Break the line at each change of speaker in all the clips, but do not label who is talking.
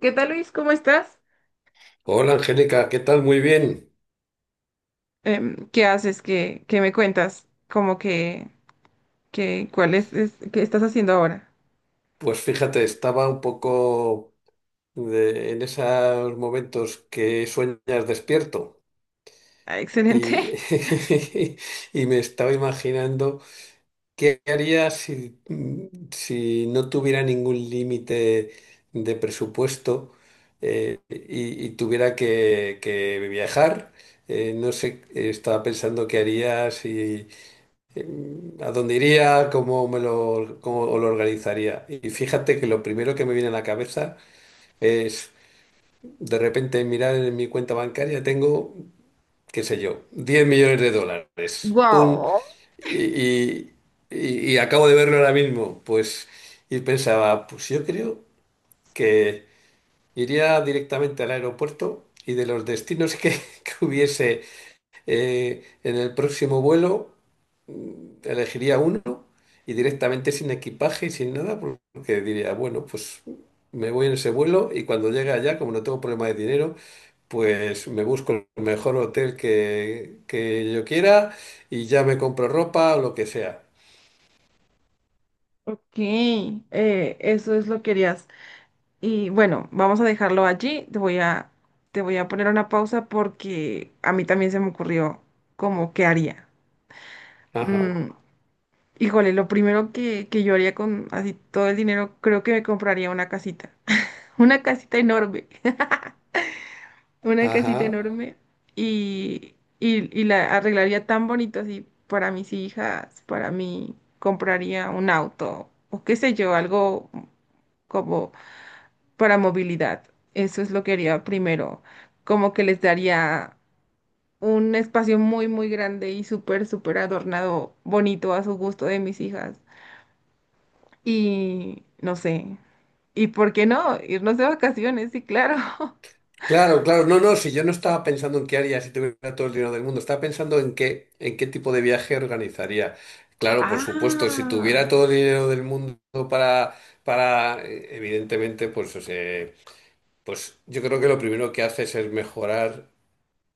¿Qué tal, Luis? ¿Cómo estás?
Hola Angélica, ¿qué tal? Muy bien.
¿Qué haces? ¿Qué me cuentas? ¿Cómo que cuál qué estás haciendo ahora?
Pues fíjate, estaba un poco en esos momentos que sueñas despierto
Ah,
y,
excelente.
y me estaba imaginando qué haría si no tuviera ningún límite de presupuesto y tuviera que viajar. No sé, estaba pensando qué haría si a dónde iría, cómo lo organizaría. Y fíjate que lo primero que me viene a la cabeza es de repente mirar en mi cuenta bancaria, tengo, qué sé yo, diez millones de dólares. ¡Pum!
Wow.
Y, y- y acabo de verlo ahora mismo. Pues, y pensaba, pues yo creo que iría directamente al aeropuerto y de los que hubiese. En el próximo vuelo elegiría uno y directamente sin equipaje y sin nada, porque diría, bueno, pues me voy en ese vuelo y cuando llegue allá, como no tengo problema de dinero, pues me busco el mejor hotel que yo quiera y ya me compro ropa o lo que sea.
Ok, eso es lo que querías. Y bueno, vamos a dejarlo allí. Te voy a poner una pausa porque a mí también se me ocurrió como qué haría.
Ajá,
Mm, híjole, lo primero que yo haría con así todo el dinero, creo que me compraría una casita. Una casita enorme. Una casita
ajá.
enorme y, y la arreglaría tan bonito así para mis hijas, para mí compraría un auto o qué sé yo, algo como para movilidad. Eso es lo que haría primero, como que les daría un espacio muy, muy grande y súper, súper adornado, bonito a su gusto de mis hijas. Y no sé, ¿y por qué no? Irnos de vacaciones, sí, claro,
Claro, claro, no, no, si yo no estaba pensando en qué haría si tuviera todo el dinero del mundo, estaba pensando en en qué tipo de viaje organizaría. Claro, por supuesto, si
ah,
tuviera todo el dinero del mundo para, para, evidentemente, pues, o sea, pues yo creo que lo primero que haces es mejorar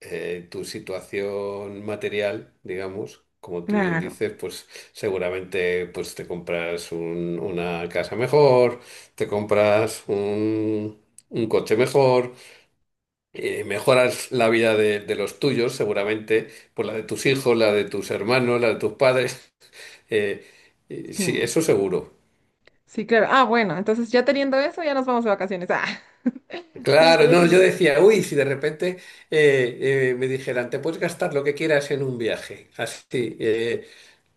tu situación material, digamos, como tú bien
claro,
dices, pues seguramente pues te compras una casa mejor, te compras un coche mejor mejoras la vida de los tuyos, seguramente, por la de tus hijos, la de tus hermanos, la de tus padres. eh, sí,
sí.
eso seguro.
Sí, claro. Ah, bueno, entonces ya teniendo eso, ya nos vamos de vacaciones. Ah, sí,
Claro,
estaría
no, yo
genial.
decía, uy, si de repente me dijeran, te puedes gastar lo que quieras en un viaje, así,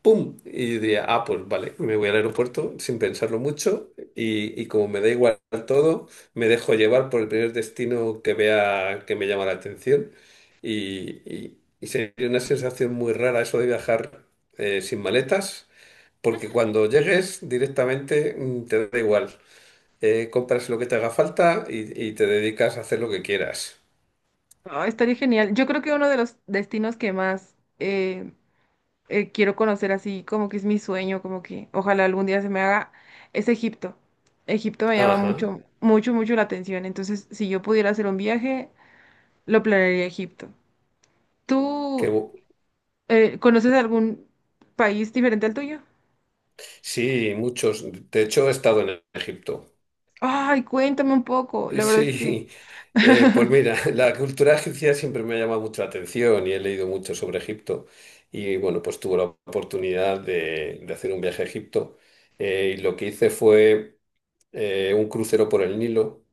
¡pum! Y diría, ah, pues vale, me voy al aeropuerto sin pensarlo mucho y como me da igual todo, me dejo llevar por el primer destino que vea que me llama la atención y sería una sensación muy rara eso de viajar sin maletas, porque cuando llegues directamente te da igual. Compras lo que te haga falta y te dedicas a hacer lo que quieras.
Ah, estaría genial. Yo creo que uno de los destinos que más quiero conocer así, como que es mi sueño, como que ojalá algún día se me haga, es Egipto. Egipto me llama
Ajá,
mucho, mucho, mucho la atención. Entonces, si yo pudiera hacer un viaje, lo planearía a Egipto.
que
¿Tú conoces algún país diferente al tuyo?
sí, muchos. De hecho, he estado en Egipto.
Ay, cuéntame un poco. La verdad es que…
Sí, pues mira, la cultura egipcia siempre me ha llamado mucho la atención y he leído mucho sobre Egipto. Y bueno, pues tuve la oportunidad de hacer un viaje a Egipto. Y lo que hice fue un crucero por el Nilo,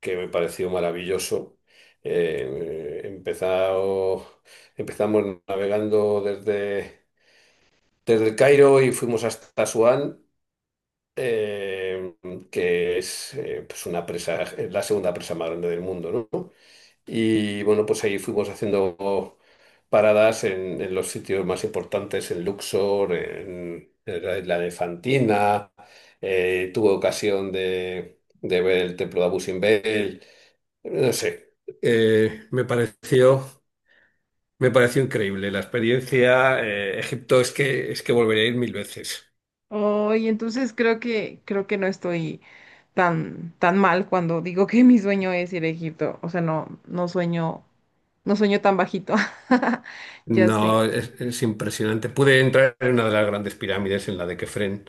que me pareció maravilloso. Eh, empezado- Empezamos navegando desde el Cairo y fuimos hasta Asuán, eh, que es pues una presa, es la segunda presa más grande del mundo, ¿no? Y bueno, pues ahí fuimos haciendo paradas en los sitios más importantes, en Luxor, en la isla de Fantina. Tuve ocasión de ver el templo de Abu Simbel. No sé, eh, me pareció, me pareció increíble la experiencia. Egipto es es que volvería a ir mil veces.
Hoy, entonces creo que no estoy tan mal cuando digo que mi sueño es ir a Egipto. O sea, no sueño, no sueño tan bajito. Ya sé.
No, es impresionante. Pude entrar en una de las grandes pirámides, en la de Kefren,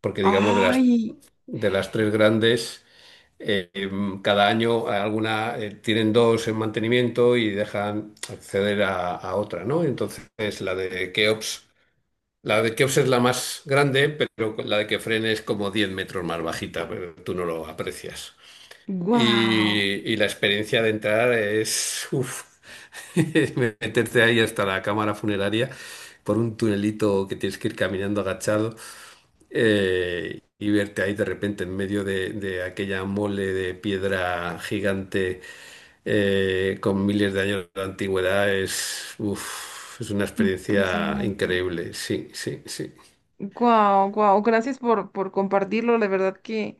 porque digamos de
Ay,
de las tres grandes. Cada año alguna, tienen dos en mantenimiento y dejan acceder a otra, ¿no? Entonces la de Keops, la de Keops es la más grande, pero la de Kefren es como 10 metros más bajita, pero tú no lo aprecias.
wow,
Y la experiencia de entrar es, uf, meterte ahí hasta la cámara funeraria por un tunelito que tienes que ir caminando agachado y verte ahí de repente en medio de aquella mole de piedra gigante con miles de años de antigüedad es, uf, es una experiencia
impresionante.
increíble. Sí, sí, sí.
Wow, wow. Gracias por compartirlo. La verdad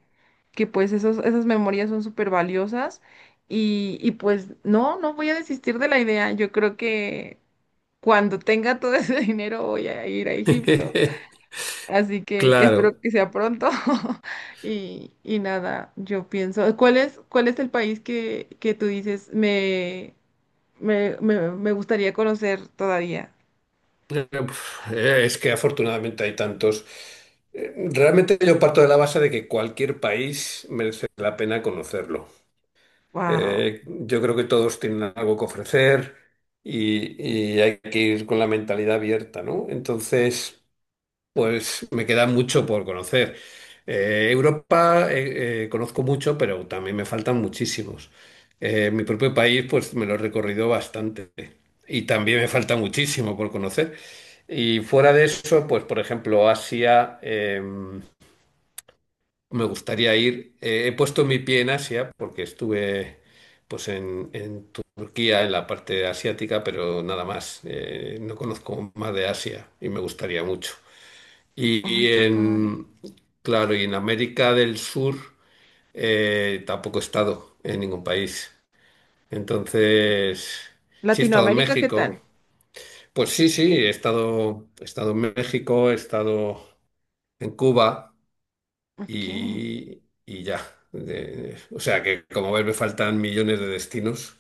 que pues esos, esas memorias son súper valiosas y pues no voy a desistir de la idea. Yo creo que cuando tenga todo ese dinero voy a ir a Egipto. Así que
Claro.
espero que sea pronto. Y, y nada, yo pienso, ¿cuál es el país que tú dices me gustaría conocer todavía?
Uf, es que afortunadamente hay tantos. Realmente yo parto de la base de que cualquier país merece la pena conocerlo.
Wow.
Yo creo que todos tienen algo que ofrecer y hay que ir con la mentalidad abierta, ¿no? Entonces... pues me queda mucho por conocer. Europa conozco mucho, pero también me faltan muchísimos. Mi propio país, pues me lo he recorrido bastante y también me falta muchísimo por conocer. Y fuera de eso, pues por ejemplo, Asia, me gustaría ir. He puesto mi pie en Asia porque estuve pues en Turquía, en la parte asiática, pero nada más. No conozco más de Asia y me gustaría mucho. Y,
Ay, qué padre.
en, claro, y en América del Sur tampoco he estado en ningún país. Entonces, sí he estado en
Latinoamérica, ¿qué
México.
tal?
Pues sí, sí, he estado en México, he estado en Cuba
Ok.
y ya. O sea que, como ves, me faltan millones de destinos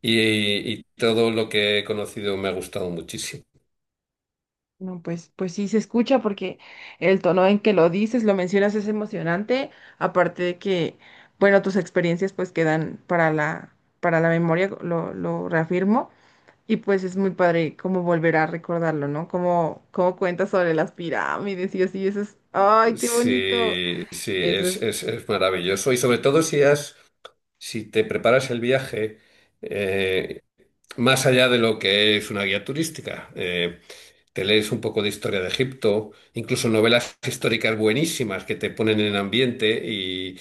y, y todo lo que he conocido me ha gustado muchísimo.
No, pues, pues sí se escucha porque el tono en que lo dices, lo mencionas es emocionante, aparte de que, bueno, tus experiencias pues quedan para para la memoria, lo reafirmo. Y pues es muy padre como volver a recordarlo, ¿no? Como, como cuenta sobre las pirámides y así, eso es, ¡ay, qué bonito!
Sí, sí,
Eso es,
es maravilloso. Y sobre todo si has... si te preparas el viaje eh, más allá de lo que es una guía turística. Te lees un poco de historia de Egipto, incluso novelas históricas buenísimas que te ponen en ambiente y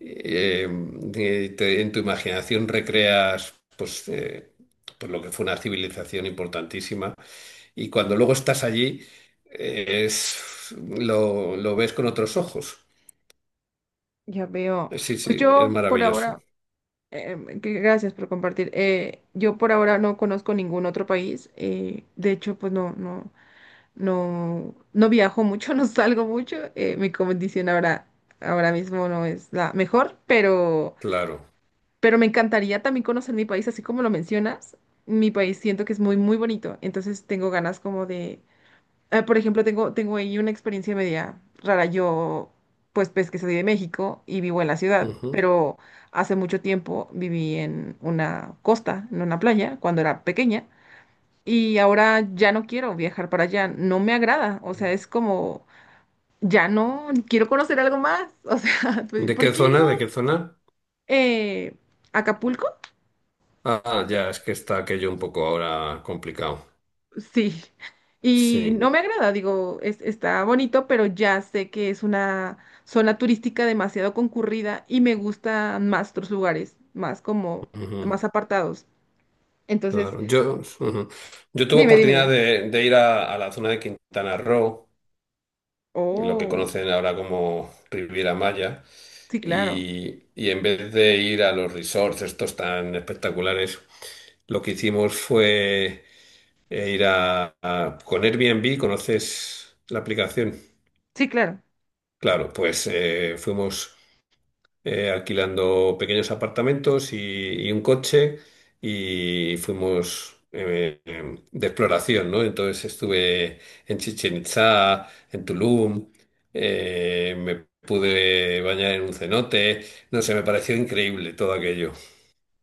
eh, en tu imaginación recreas pues, pues lo que fue una civilización importantísima. Y cuando luego estás allí, eh, es, lo ves con otros ojos.
ya veo.
Sí,
Pues
sí, es
yo por
maravilloso,
ahora, gracias por compartir, yo por ahora no conozco ningún otro país, de hecho, pues no viajo mucho, no salgo mucho, mi condición ahora mismo no es la mejor, pero…
claro.
Pero me encantaría también conocer mi país, así como lo mencionas. Mi país siento que es muy, muy bonito. Entonces tengo ganas como de… Ah, por ejemplo, tengo ahí una experiencia media rara. Yo, pues, pues que soy de México y vivo en la ciudad,
Ujú.
pero hace mucho tiempo viví en una costa, en una playa, cuando era pequeña. Y ahora ya no quiero viajar para allá. No me agrada. O sea, es como… Ya no, quiero conocer algo más. O sea, pues,
¿De
¿por
qué
qué no?
zona? ¿De qué zona?
Eh, Acapulco.
Ah, ya, es que está aquello un poco ahora complicado.
Sí, y no
Sí,
me agrada, digo, es, está bonito, pero ya sé que es una zona turística demasiado concurrida y me gustan más otros lugares, más como,
ujú,
más apartados. Entonces,
claro. Yo, ujú. Yo tuve oportunidad
dime.
de ir a la zona de Quintana Roo, lo que
Oh,
conocen ahora como Riviera Maya,
sí, claro,
y en vez de ir a los resorts estos tan espectaculares, lo que hicimos fue ir con Airbnb, ¿conoces la aplicación?
sí, claro.
Claro, pues fuimos. Alquilando pequeños apartamentos y un coche y fuimos de exploración, ¿no? Entonces estuve en Chichen Itzá, en Tulum, me pude bañar en un cenote, no sé, me pareció increíble todo aquello.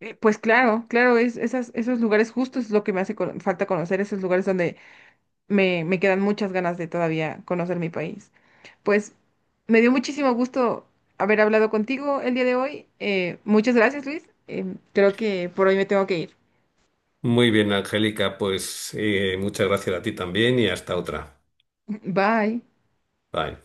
Pues claro, claro, es, esas, esos lugares justos es lo que me hace falta conocer, esos lugares donde me quedan muchas ganas de todavía conocer mi país. Pues me dio muchísimo gusto haber hablado contigo el día de hoy. Muchas gracias, Luis. Em, creo que por hoy me tengo que ir.
Muy bien, Angélica, pues muchas gracias a ti también y hasta otra.
Bye.
Bye.